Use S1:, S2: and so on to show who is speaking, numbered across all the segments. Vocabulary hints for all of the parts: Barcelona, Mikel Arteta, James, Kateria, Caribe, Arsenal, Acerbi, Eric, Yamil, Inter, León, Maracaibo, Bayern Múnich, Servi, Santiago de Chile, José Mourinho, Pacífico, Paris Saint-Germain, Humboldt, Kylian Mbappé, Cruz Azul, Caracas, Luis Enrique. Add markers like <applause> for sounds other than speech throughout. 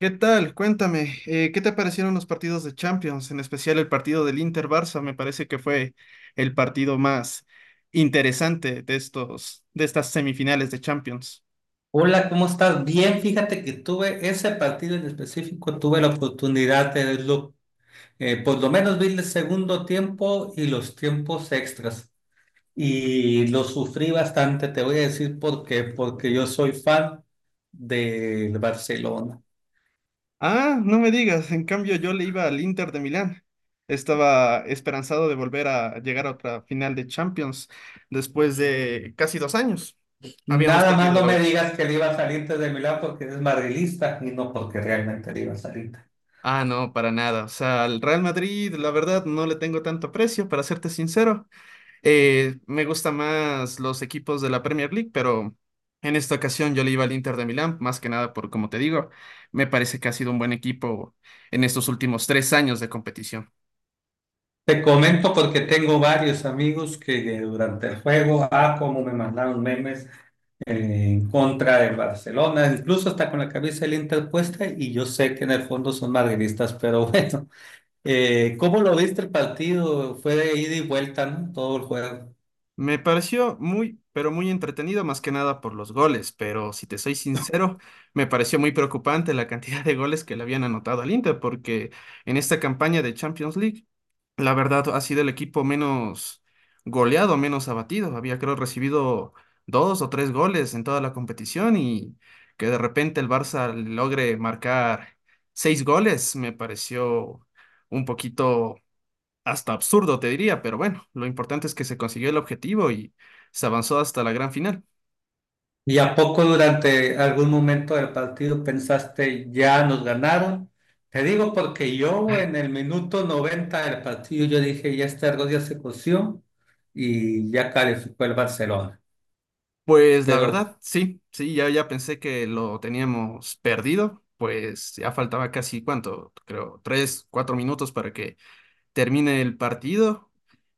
S1: ¿Qué tal? Cuéntame, ¿qué te parecieron los partidos de Champions, en especial el partido del Inter-Barça? Me parece que fue el partido más interesante de estas semifinales de Champions.
S2: Hola, ¿cómo estás? Bien, fíjate que tuve ese partido en específico, tuve la oportunidad de verlo, por lo menos vi el segundo tiempo y los tiempos extras. Y lo sufrí bastante, te voy a decir por qué, porque yo soy fan del Barcelona.
S1: Ah, no me digas, en cambio yo le iba al Inter de Milán. Estaba esperanzado de volver a llegar a otra final de Champions después de casi 2 años. Habíamos
S2: Nada más
S1: perdido
S2: no
S1: la
S2: me
S1: última.
S2: digas que le iba a salir desde Milán porque eres madrilista y no porque realmente le iba a salir.
S1: Ah, no, para nada. O sea, al Real Madrid, la verdad, no le tengo tanto aprecio, para serte sincero. Me gustan más los equipos de la Premier League, pero en esta ocasión yo le iba al Inter de Milán, más que nada por, como te digo, me parece que ha sido un buen equipo en estos últimos 3 años de competición.
S2: Te comento porque tengo varios amigos que durante el juego, ah, cómo me mandaron memes en contra del Barcelona, incluso está con la cabeza del Inter puesta y yo sé que en el fondo son madridistas, pero <laughs> bueno, ¿cómo lo viste el partido? Fue de ida y vuelta, ¿no? Todo el juego.
S1: Me pareció muy, pero muy entretenido, más que nada por los goles, pero si te soy sincero, me pareció muy preocupante la cantidad de goles que le habían anotado al Inter, porque en esta campaña de Champions League la verdad, ha sido el equipo menos goleado, menos abatido. Había, creo, recibido dos o tres goles en toda la competición y que de repente el Barça logre marcar seis goles me pareció un poquito hasta absurdo, te diría, pero bueno, lo importante es que se consiguió el objetivo y se avanzó hasta la gran final.
S2: ¿Y a poco durante algún momento del partido pensaste, ya nos ganaron? Te digo porque yo en el minuto 90 del partido yo dije, ya este arroz ya se coció y ya calificó el Barcelona.
S1: Pues la
S2: Pero
S1: verdad, sí, sí, ya, ya pensé que lo teníamos perdido, pues ya faltaba casi, ¿cuánto? Creo, 3, 4 minutos para que termina el partido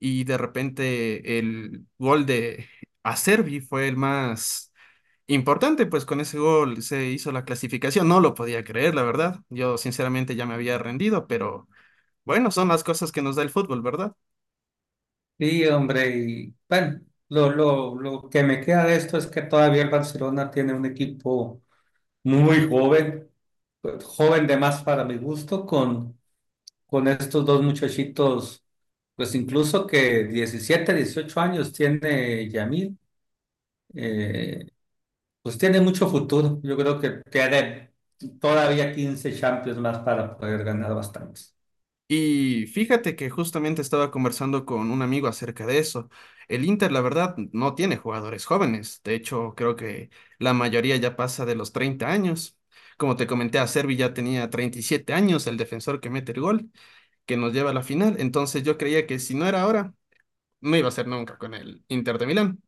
S1: y de repente el gol de Acerbi fue el más importante, pues con ese gol se hizo la clasificación. No lo podía creer, la verdad. Yo sinceramente ya me había rendido, pero bueno, son las cosas que nos da el fútbol, ¿verdad?
S2: sí, hombre, y bueno, lo que me queda de esto es que todavía el Barcelona tiene un equipo muy joven, pues, joven de más para mi gusto, con estos dos muchachitos, pues incluso que 17 18 años tiene Yamil, eh, pues tiene mucho futuro. Yo creo que tiene todavía 15 Champions más para poder ganar bastantes.
S1: Y fíjate que justamente estaba conversando con un amigo acerca de eso. El Inter, la verdad, no tiene jugadores jóvenes. De hecho, creo que la mayoría ya pasa de los 30 años. Como te comenté, a Servi ya tenía 37 años, el defensor que mete el gol, que nos lleva a la final. Entonces yo creía que si no era ahora, no iba a ser nunca con el Inter de Milán,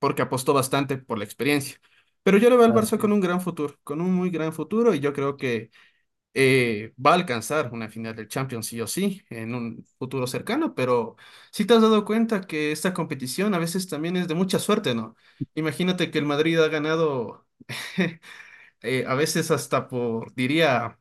S1: porque apostó bastante por la experiencia. Pero yo le veo al Barça
S2: Así
S1: con un gran futuro, con un muy gran futuro, y yo creo que va a alcanzar una final del Champions sí o sí en un futuro cercano, pero si te has dado cuenta que esta competición a veces también es de mucha suerte, ¿no? Imagínate que el Madrid ha ganado <laughs> a veces hasta por, diría,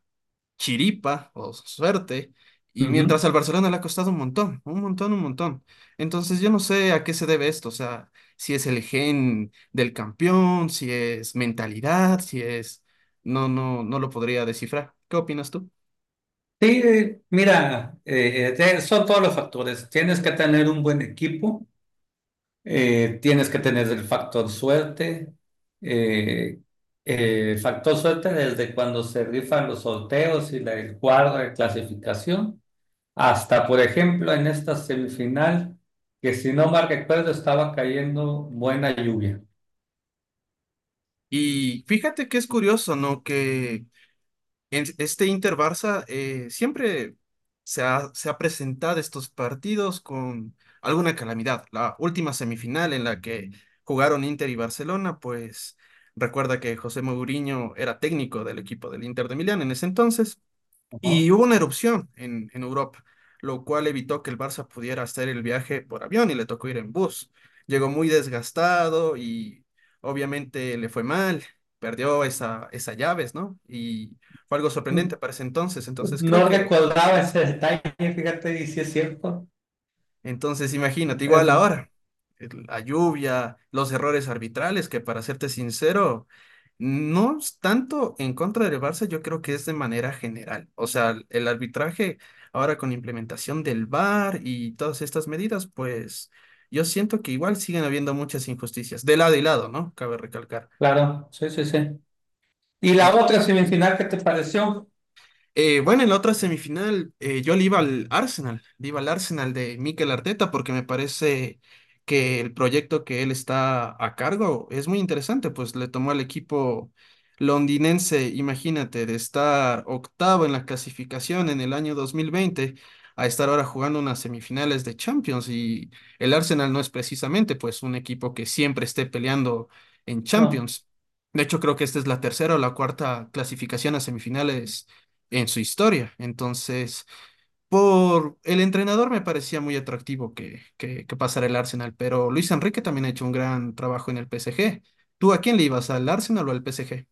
S1: chiripa o suerte, y mientras
S2: es.
S1: al Barcelona le ha costado un montón, un montón, un montón. Entonces yo no sé a qué se debe esto, o sea, si es el gen del campeón, si es mentalidad, si es... No, no, no lo podría descifrar. ¿Qué opinas tú?
S2: Sí, son todos los factores. Tienes que tener un buen equipo, tienes que tener el factor suerte. eh, Factor suerte desde cuando se rifan los sorteos y el cuadro de clasificación, hasta, por ejemplo, en esta semifinal, que si no mal recuerdo estaba cayendo buena lluvia.
S1: Y fíjate que es curioso, ¿no? Que en este Inter Barça siempre se ha presentado estos partidos con alguna calamidad. La última semifinal en la que jugaron Inter y Barcelona, pues recuerda que José Mourinho era técnico del equipo del Inter de Milán en ese entonces.
S2: Ajá.
S1: Y hubo una erupción en Europa, lo cual evitó que el Barça pudiera hacer el viaje por avión y le tocó ir en bus. Llegó muy desgastado y obviamente le fue mal, perdió esa, esas llaves, ¿no? Y fue algo sorprendente para ese entonces. Entonces creo
S2: No
S1: que.
S2: recordaba ese detalle, fíjate, y si es cierto.
S1: Entonces, imagínate, igual
S2: Perdón.
S1: ahora, la lluvia, los errores arbitrales, que para serte sincero, no es tanto en contra del Barça, yo creo que es de manera general. O sea, el arbitraje ahora con la implementación del VAR y todas estas medidas, pues yo siento que igual siguen habiendo muchas injusticias, de lado y lado, ¿no? Cabe recalcar.
S2: Claro, sí, sí, sí. ¿Y la otra semifinal qué te pareció?
S1: Bueno, en la otra semifinal yo le iba al Arsenal, le iba al Arsenal de Mikel Arteta porque me parece que el proyecto que él está a cargo es muy interesante, pues le tomó al equipo londinense, imagínate, de estar octavo en la clasificación en el año 2020 a estar ahora jugando unas semifinales de Champions y el Arsenal no es precisamente pues un equipo que siempre esté peleando en
S2: No.
S1: Champions. De hecho, creo que esta es la tercera o la cuarta clasificación a semifinales en su historia. Entonces, por el entrenador me parecía muy atractivo que pasara el Arsenal, pero Luis Enrique también ha hecho un gran trabajo en el PSG. ¿Tú a quién le ibas, al Arsenal o al PSG?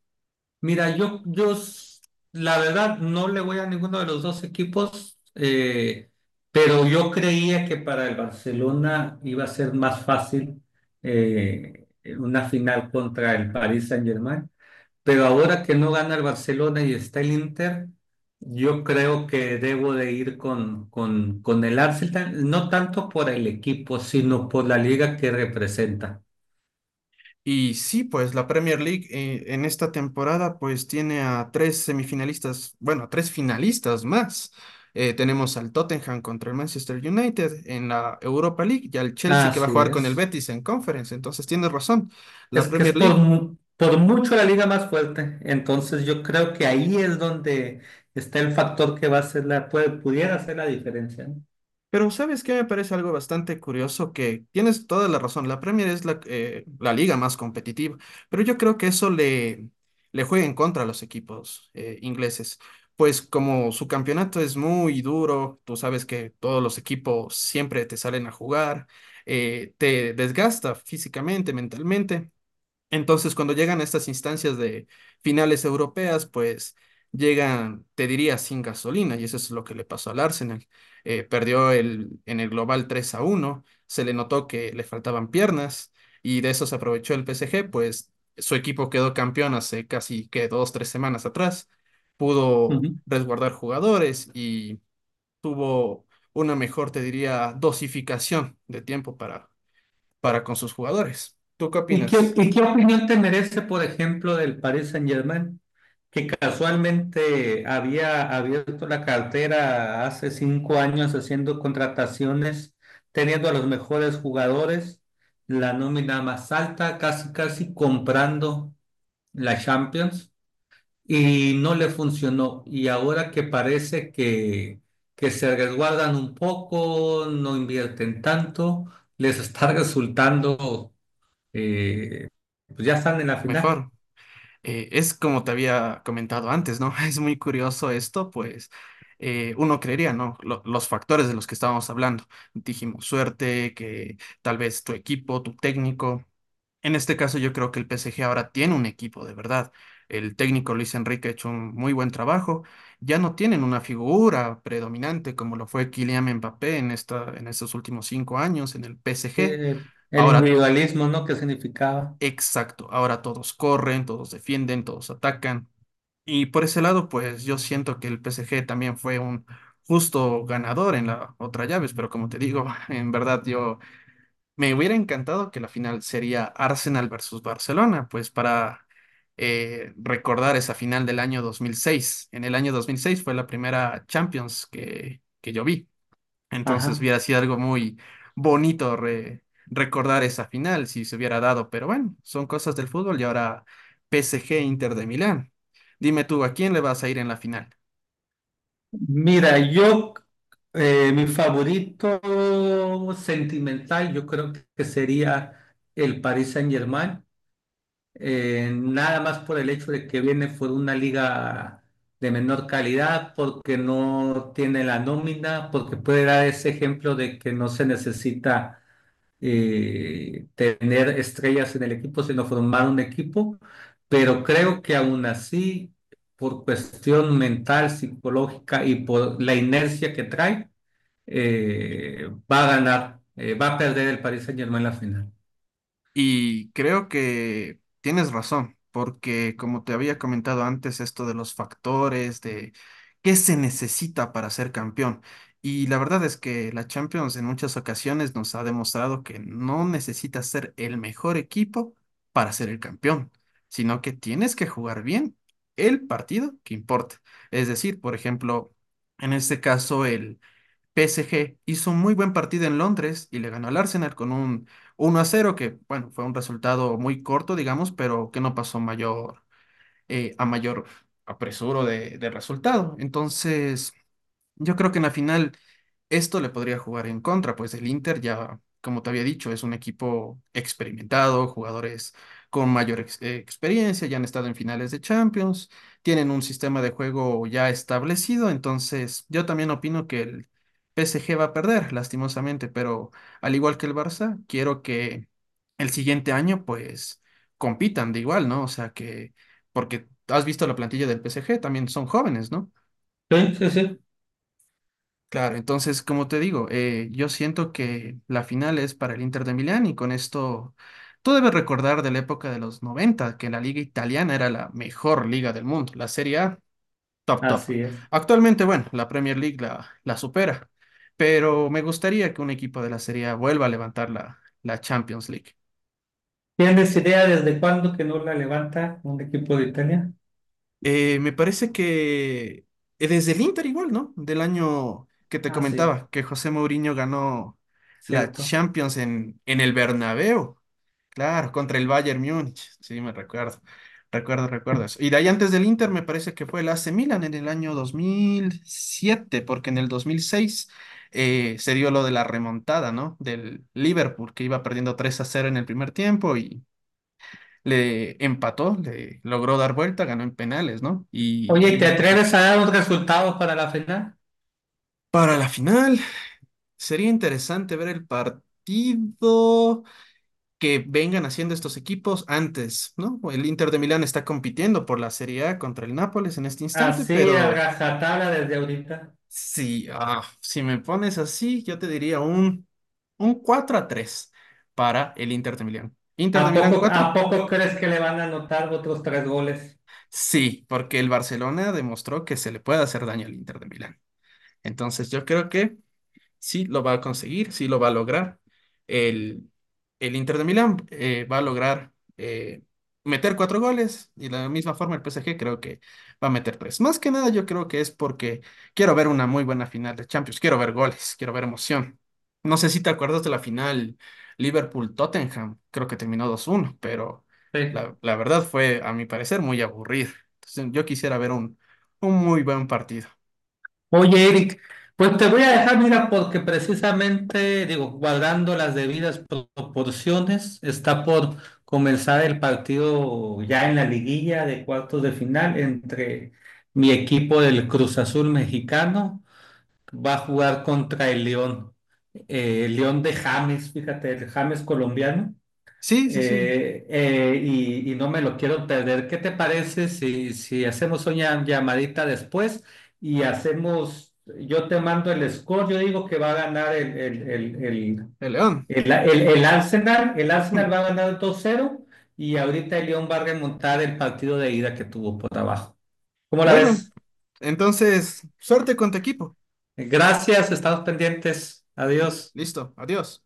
S2: Mira, la verdad, no le voy a ninguno de los dos equipos, pero yo creía que para el Barcelona iba a ser más fácil eh, una final contra el Paris Saint-Germain. Pero ahora que no gana el Barcelona y está el Inter, yo creo que debo de ir con el Arsenal, no tanto por el equipo, sino por la liga que representa.
S1: Y sí, pues la Premier League en esta temporada pues tiene a tres semifinalistas, bueno, a tres finalistas más. Tenemos al Tottenham contra el Manchester United en la Europa League y al Chelsea que va a
S2: Así
S1: jugar con el
S2: es.
S1: Betis en Conference. Entonces tienes razón, la
S2: Es que es
S1: Premier League.
S2: por mucho la liga más fuerte. Entonces yo creo que ahí es donde está el factor que va a ser la, puede, pudiera hacer la diferencia.
S1: Pero ¿sabes qué? Me parece algo bastante curioso que tienes toda la razón. La Premier es la, la liga más competitiva, pero yo creo que eso le, le juega en contra a los equipos ingleses. Pues como su campeonato es muy duro, tú sabes que todos los equipos siempre te salen a jugar, te desgasta físicamente, mentalmente. Entonces, cuando llegan a estas instancias de finales europeas, pues llegan, te diría, sin gasolina, y eso es lo que le pasó al Arsenal. Perdió en el global 3-1. Se le notó que le faltaban piernas, y de eso se aprovechó el PSG, pues su equipo quedó campeón hace casi que 2, 3 semanas atrás,
S2: ¿No?
S1: pudo resguardar jugadores y tuvo una mejor, te diría, dosificación de tiempo para con sus jugadores. ¿Tú qué opinas?
S2: Y qué opinión te merece, por ejemplo, del Paris Saint-Germain, que casualmente había abierto la cartera hace 5 años haciendo contrataciones, teniendo a los mejores jugadores, la nómina más alta, casi casi comprando la Champions, y no le funcionó. Y ahora que parece que se resguardan un poco, no invierten tanto, les está <laughs> resultando eh, pues ya están en la final.
S1: Mejor. Es como te había comentado antes, ¿no? <laughs> Es muy curioso esto, pues uno creería, ¿no? Los factores de los que estábamos hablando. Dijimos suerte, que tal vez tu equipo, tu técnico. En este caso yo creo que el PSG ahora tiene un equipo, de verdad. El técnico Luis Enrique ha hecho un muy buen trabajo. Ya no tienen una figura predominante como lo fue Kylian Mbappé en esta, en estos últimos 5 años en el PSG.
S2: Eh, el
S1: Ahora,
S2: individualismo, ¿no? ¿Qué significaba?
S1: exacto, ahora todos corren, todos defienden, todos atacan. Y por ese lado, pues yo siento que el PSG también fue un justo ganador en la otra llaves, pero como te digo, <laughs> en verdad yo me hubiera encantado que la final sería Arsenal versus Barcelona, pues para recordar esa final del año 2006. En el año 2006 fue la primera Champions que yo vi. Entonces
S2: Ajá.
S1: hubiera sido algo muy bonito recordar esa final si se hubiera dado, pero bueno, son cosas del fútbol y ahora PSG Inter de Milán. Dime tú, ¿a quién le vas a ir en la final?
S2: Mira, yo, mi favorito sentimental, yo creo que sería el Paris Saint-Germain, nada más por el hecho de que viene por una liga de menor calidad, porque no tiene la nómina, porque puede dar ese ejemplo de que no se necesita tener estrellas en el equipo, sino formar un equipo, pero creo que aún así, por cuestión mental, psicológica y por la inercia que trae, va a perder el Paris Saint-Germain la final.
S1: Y creo que tienes razón, porque como te había comentado antes, esto de los factores, de qué se necesita para ser campeón. Y la verdad es que la Champions en muchas ocasiones nos ha demostrado que no necesitas ser el mejor equipo para ser el campeón, sino que tienes que jugar bien el partido que importa. Es decir, por ejemplo, en este caso, el PSG hizo un muy buen partido en Londres y le ganó al Arsenal con un 1-0, que bueno, fue un resultado muy corto, digamos, pero que no pasó mayor, a mayor apresuro de resultado. Entonces, yo creo que en la final esto le podría jugar en contra, pues el Inter ya, como te había dicho, es un equipo experimentado, jugadores con mayor experiencia, ya han estado en finales de Champions, tienen un sistema de juego ya establecido, entonces yo también opino que el PSG va a perder, lastimosamente, pero al igual que el Barça, quiero que el siguiente año pues compitan de igual, ¿no? O sea que, porque has visto la plantilla del PSG, también son jóvenes, ¿no?
S2: Sí, sí, sí.
S1: Claro, entonces, como te digo, yo siento que la final es para el Inter de Milán y con esto tú debes recordar de la época de los 90 que la liga italiana era la mejor liga del mundo, la Serie A, top, top.
S2: Así es.
S1: Actualmente, bueno, la Premier League la supera, pero me gustaría que un equipo de la Serie A vuelva a levantar la Champions League.
S2: ¿Tienes idea desde cuándo que no la levanta un equipo de Italia?
S1: Me parece que desde el Inter igual, ¿no? Del año que te
S2: Ah, sí,
S1: comentaba, que José Mourinho ganó la
S2: cierto.
S1: Champions en el Bernabéu. Claro, contra el Bayern Múnich. Sí, me recuerdo. Recuerdo, recuerdo eso. Y de ahí antes del Inter me parece que fue el AC Milan en el año 2007, porque en el 2006 se dio lo de la remontada, ¿no? Del Liverpool, que iba perdiendo 3-0 en el primer tiempo y le empató, le logró dar vuelta, ganó en penales, ¿no? Y el
S2: Oye, ¿te
S1: Liverpool se hizo.
S2: atreves a dar un resultado para la final?
S1: Para la final, sería interesante ver el partido que vengan haciendo estos equipos antes, ¿no? El Inter de Milán está compitiendo por la Serie A contra el Nápoles en este instante,
S2: Así, a
S1: pero
S2: rajatabla desde ahorita.
S1: si, si me pones así, yo te diría un, 4-3 para el Inter de Milán. ¿Inter de Milán cuatro?
S2: A poco crees que le van a anotar otros tres goles?
S1: Sí, porque el Barcelona demostró que se le puede hacer daño al Inter de Milán. Entonces yo creo que sí lo va a conseguir, sí lo va a lograr. El, el Inter de Milán va a lograr eh, meter cuatro goles y de la misma forma el PSG creo que va a meter tres. Más que nada yo creo que es porque quiero ver una muy buena final de Champions, quiero ver goles, quiero ver emoción. No sé si te acuerdas de la final Liverpool-Tottenham, creo que terminó 2-1, pero
S2: Sí.
S1: la verdad fue, a mi parecer, muy aburrida. Entonces yo quisiera ver un, muy buen partido.
S2: Oye, Eric, pues te voy a dejar, mira, porque precisamente, digo, guardando las debidas proporciones, está por comenzar el partido ya en la liguilla de cuartos de final entre mi equipo del Cruz Azul mexicano, va a jugar contra el León de James, fíjate, el James colombiano.
S1: Sí, sí, sí,
S2: Y no me lo quiero perder. ¿Qué te parece si hacemos una llamadita después y hacemos, yo te mando el score, yo digo que va a ganar
S1: el León.
S2: el Arsenal va a
S1: <laughs>
S2: ganar 2-0 y ahorita el León va a remontar el partido de ida que tuvo por abajo. ¿Cómo la
S1: Bueno,
S2: ves?
S1: entonces, suerte con tu equipo.
S2: Gracias, estamos pendientes. Adiós.
S1: Listo, adiós.